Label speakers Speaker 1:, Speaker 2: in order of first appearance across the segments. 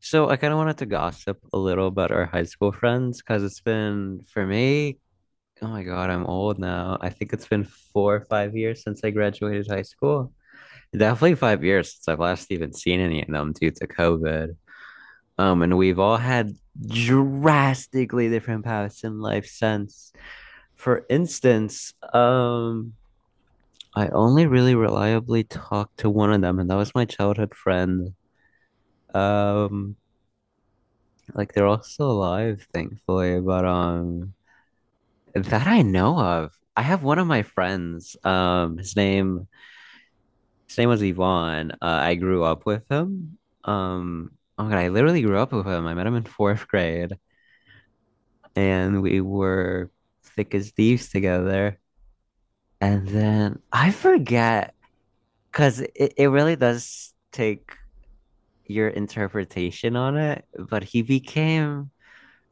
Speaker 1: So I kind of wanted to gossip a little about our high school friends because it's been for me, oh my God, I'm old now. I think it's been 4 or 5 years since I graduated high school. Definitely 5 years since I've last even seen any of them due to COVID. And we've all had drastically different paths in life since. For instance, I only really reliably talked to one of them, and that was my childhood friend. Um, Like they're all still alive, thankfully. But, that I know of. I have one of my friends. His name was Yvonne. I grew up with him. Um oh my God, I literally grew up with him. I met him in fourth grade and we were thick as thieves together. And then I forget because it really does take your interpretation on it, but he became,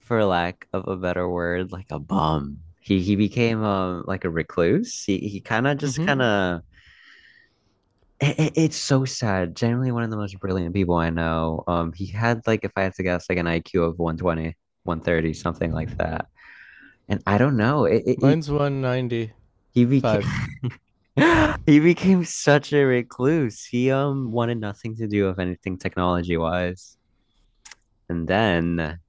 Speaker 1: for lack of a better word, like a bum. He became like a recluse. He kind of just
Speaker 2: Mm-hmm.
Speaker 1: kind of, it's so sad. Generally, one of the most brilliant people I know. He had, like, if I had to guess, like an IQ of 120, 130, something like that. And I don't know. It
Speaker 2: Mine's 195.
Speaker 1: he became he became such a recluse. He wanted nothing to do with anything technology wise. And then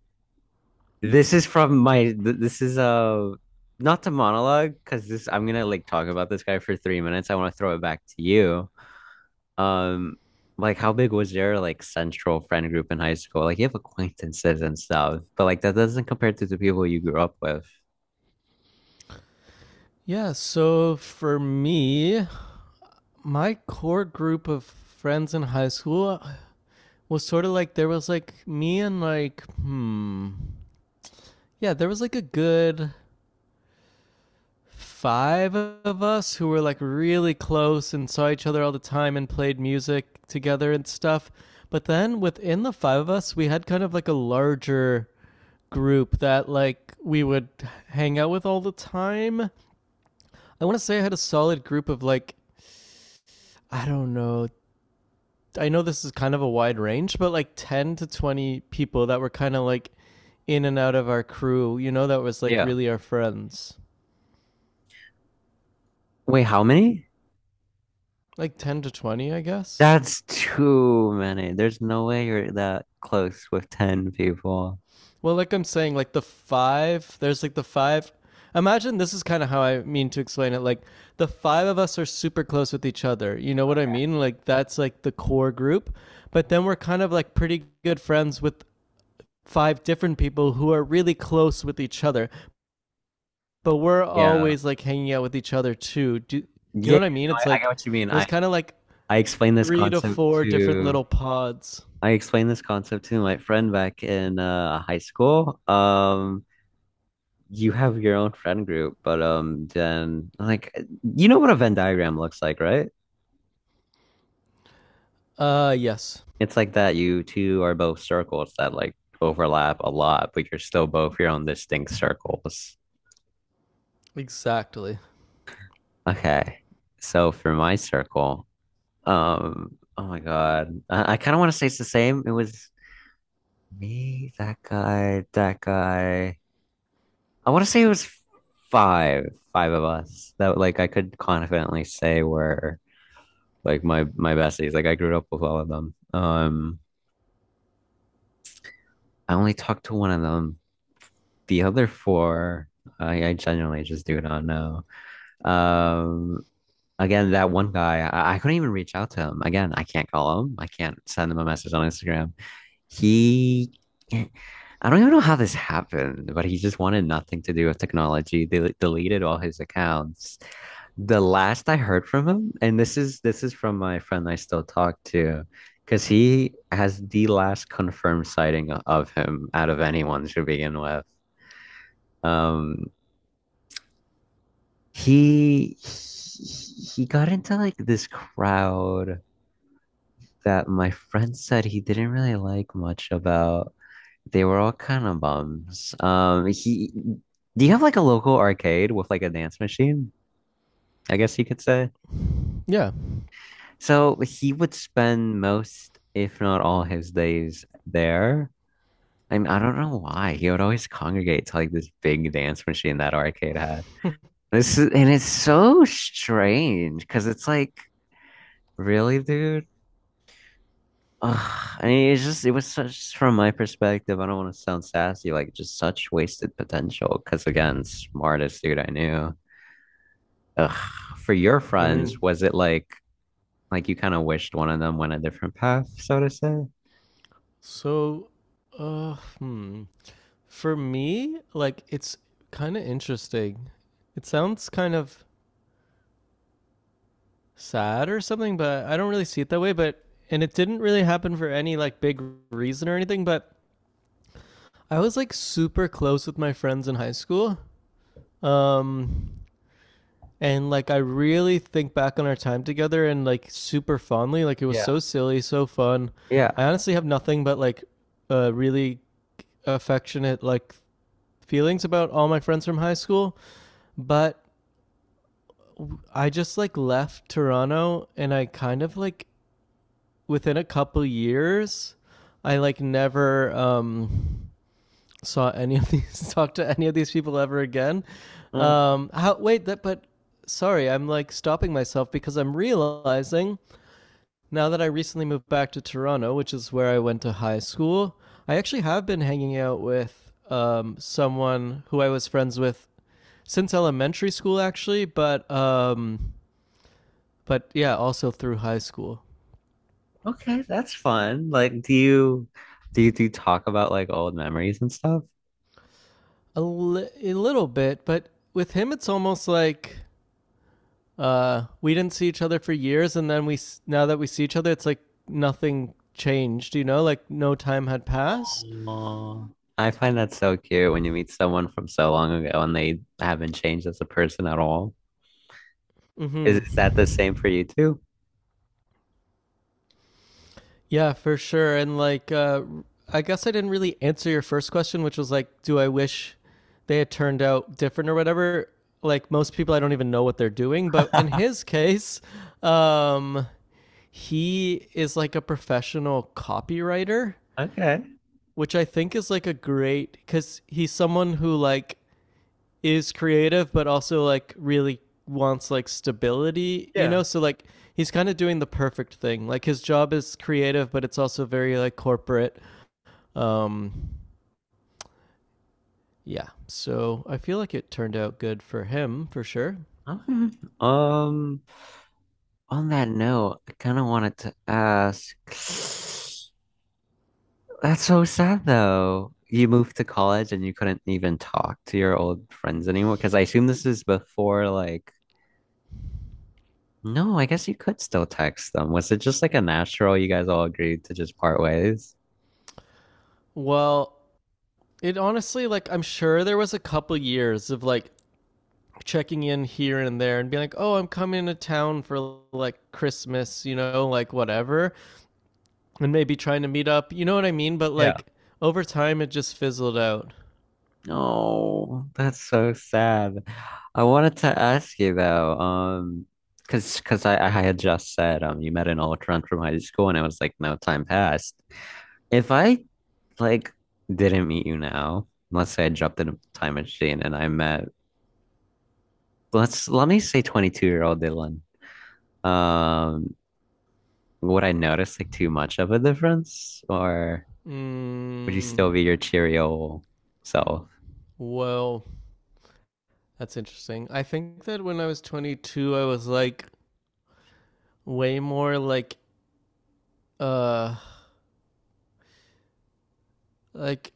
Speaker 1: This is from my th- this is not to monologue, because this I'm gonna like talk about this guy for 3 minutes. I want to throw it back to you. Um, like how big was your, like, central friend group in high school? Like you have acquaintances and stuff, but like that doesn't compare to the people you grew up with.
Speaker 2: Yeah, so for me, my core group of friends in high school was sort of like there was like me and like, hmm. Yeah, there was like a good five of us who were like really close and saw each other all the time and played music together and stuff. But then within the five of us, we had kind of like a larger group that like we would hang out with all the time. I want to say I had a solid group of like, I don't know. I know this is kind of a wide range, but like 10 to 20 people that were kind of like in and out of our crew, you know, that was like
Speaker 1: Yeah.
Speaker 2: really our friends.
Speaker 1: Wait, how many?
Speaker 2: Like 10 to 20, I guess.
Speaker 1: That's too many. There's no way you're that close with 10 people.
Speaker 2: Well, like I'm saying, like the five, there's like the five. Imagine this is kind of how I mean to explain it. Like the five of us are super close with each other. You know what I
Speaker 1: Okay.
Speaker 2: mean? Like that's like the core group. But then we're kind of like pretty good friends with five different people who are really close with each other, but we're
Speaker 1: Yeah.
Speaker 2: always like hanging out with each other too. Do you
Speaker 1: Yeah,
Speaker 2: know what I mean?
Speaker 1: no,
Speaker 2: It's
Speaker 1: I get
Speaker 2: like
Speaker 1: what you mean.
Speaker 2: it was kind of like
Speaker 1: I explained this
Speaker 2: three to
Speaker 1: concept
Speaker 2: four different little
Speaker 1: to
Speaker 2: pods.
Speaker 1: I explained this concept to my friend back in high school. You have your own friend group, but then, like, you know what a Venn diagram looks like, right?
Speaker 2: Yes,
Speaker 1: It's like that. You two are both circles that, like, overlap a lot, but you're still both your own distinct circles.
Speaker 2: exactly.
Speaker 1: Okay, so for my circle, oh my God, I kind of want to say it's the same. It was me, that guy, that guy. I want to say it was five, five of us that, like, I could confidently say were like my besties. Like I grew up with all of them. I only talked to one of them. The other four, I genuinely just do not know. Um, Again, that one guy, I couldn't even reach out to him. Again, I can't call him. I can't send him a message on Instagram. He, I don't even know how this happened, but he just wanted nothing to do with technology. They, like, deleted all his accounts. The last I heard from him, and this is from my friend I still talk to, because he has the last confirmed sighting of him out of anyone to begin with. Um, he he got into like this crowd that my friend said he didn't really like much about. They were all kind of bums. Do you have like a local arcade with like a dance machine? I guess you could say.
Speaker 2: Yeah,
Speaker 1: So he would spend most, if not all, his days there. I mean, I don't know why. He would always congregate to like this big dance machine that arcade had. And it's so strange because it's like, really, dude? Ugh. I mean, it's just, it was such, from my perspective, I don't want to sound sassy, like just such wasted potential. Because again, smartest dude I knew. Ugh, for your
Speaker 2: I mean,
Speaker 1: friends, was it like you kind of wished one of them went a different path, so to say?
Speaker 2: so, hmm, for me, like it's kind of interesting. It sounds kind of sad or something, but I don't really see it that way. But and it didn't really happen for any like big reason or anything, but I was like super close with my friends in high school. Um and like I really think back on our time together and like super fondly. Like it was
Speaker 1: Yeah.
Speaker 2: so silly, so fun.
Speaker 1: Yeah.
Speaker 2: I honestly have nothing but like really affectionate like feelings about all my friends from high school, but I just like left Toronto and I kind of like within a couple years I like never saw any of these talk to any of these people ever again.
Speaker 1: Mm.
Speaker 2: How wait that but sorry, I'm like stopping myself because I'm realizing now that I recently moved back to Toronto, which is where I went to high school. I actually have been hanging out with someone who I was friends with since elementary school, actually, but yeah, also through high school
Speaker 1: Okay, that's fun. Like, do you do you talk about like old memories and stuff?
Speaker 2: a little bit. But with him, it's almost like we didn't see each other for years, and then we now that we see each other, it's like nothing changed. You know, like no time had passed.
Speaker 1: Oh, I find that so cute when you meet someone from so long ago and they haven't changed as a person at all. Is,
Speaker 2: Hmm.
Speaker 1: is that the same for you too?
Speaker 2: Yeah, for sure. And like, I guess I didn't really answer your first question, which was like, do I wish they had turned out different or whatever? Like most people, I don't even know what they're doing. But in his case, um, he is like a professional copywriter,
Speaker 1: Okay.
Speaker 2: which I think is like a great because he's someone who like is creative but also like really wants like stability, you
Speaker 1: Yeah.
Speaker 2: know? So like he's kind of doing the perfect thing. Like his job is creative but it's also very like corporate. Um yeah. So I feel like it turned out good for him for sure.
Speaker 1: Okay. Um, On that note, I kind of wanted to ask. That's so sad, though. You moved to college and you couldn't even talk to your old friends anymore. Because I assume this is before like, no, I guess you could still text them. Was it just like a natural, you guys all agreed to just part ways?
Speaker 2: Well, it honestly like I'm sure there was a couple years of like checking in here and there and being like, "Oh, I'm coming to town for like Christmas, you know, like whatever," and maybe trying to meet up. You know what I mean? But
Speaker 1: Yeah.
Speaker 2: like over time, it just fizzled out.
Speaker 1: No, that's so sad. I wanted to ask you though, because I had just said you met an old friend from high school and I was like no time passed. If I, like, didn't meet you now, let's say I jumped in a time machine and I met, let me say 22-year-old Dylan. Um, would I notice like too much of a difference, or would you
Speaker 2: Mm,
Speaker 1: still be your cheery old self?
Speaker 2: well, that's interesting. I think that when I was 22, I was like way more uh, like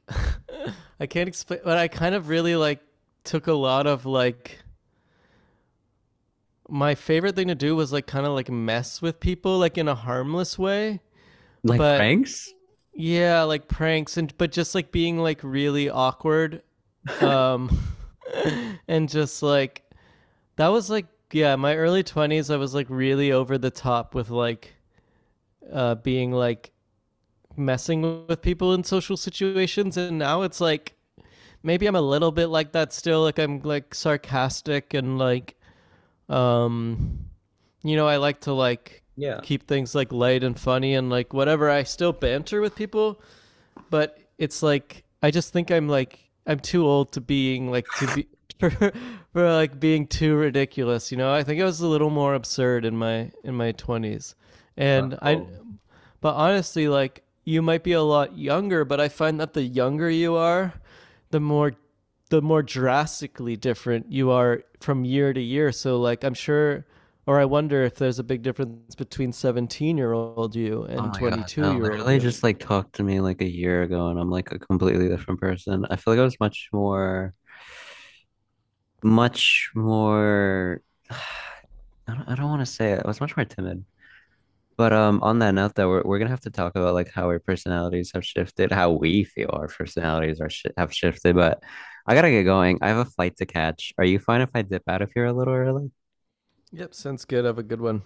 Speaker 2: I can't explain, but I kind of really like took a lot of like my favorite thing to do was like kind of like mess with people like in a harmless way,
Speaker 1: Like
Speaker 2: but
Speaker 1: pranks?
Speaker 2: yeah, like pranks and but just like being like really awkward. Um and just like that was like yeah, my early 20s I was like really over the top with like being like messing with people in social situations and now it's like maybe I'm a little bit like that still like I'm like sarcastic and like um you know, I like to like
Speaker 1: Yeah.
Speaker 2: keep things like light and funny and like whatever I still banter with people but it's like I just think I'm like I'm too old to being like to be for, like being too ridiculous. You know, I think I was a little more absurd in my twenties,
Speaker 1: Oh,
Speaker 2: and I.
Speaker 1: cool.
Speaker 2: But honestly, like you might be a lot younger, but I find that the younger you are, the more the more drastically different you are from year to year. So like I'm sure or I wonder if there's a big difference between 17-year-old you
Speaker 1: Oh
Speaker 2: and
Speaker 1: my God,
Speaker 2: 22
Speaker 1: no,
Speaker 2: year old
Speaker 1: literally
Speaker 2: you.
Speaker 1: just like talked to me like a year ago and I'm like a completely different person. I feel like I was much more, much more, I don't want to say it. I was much more timid. But on that note though, we're gonna have to talk about like how our personalities have shifted, how we feel our personalities are shi have shifted. But I gotta get going. I have a flight to catch. Are you fine if I dip out of here a little early?
Speaker 2: Yep, sounds good. Have a good one.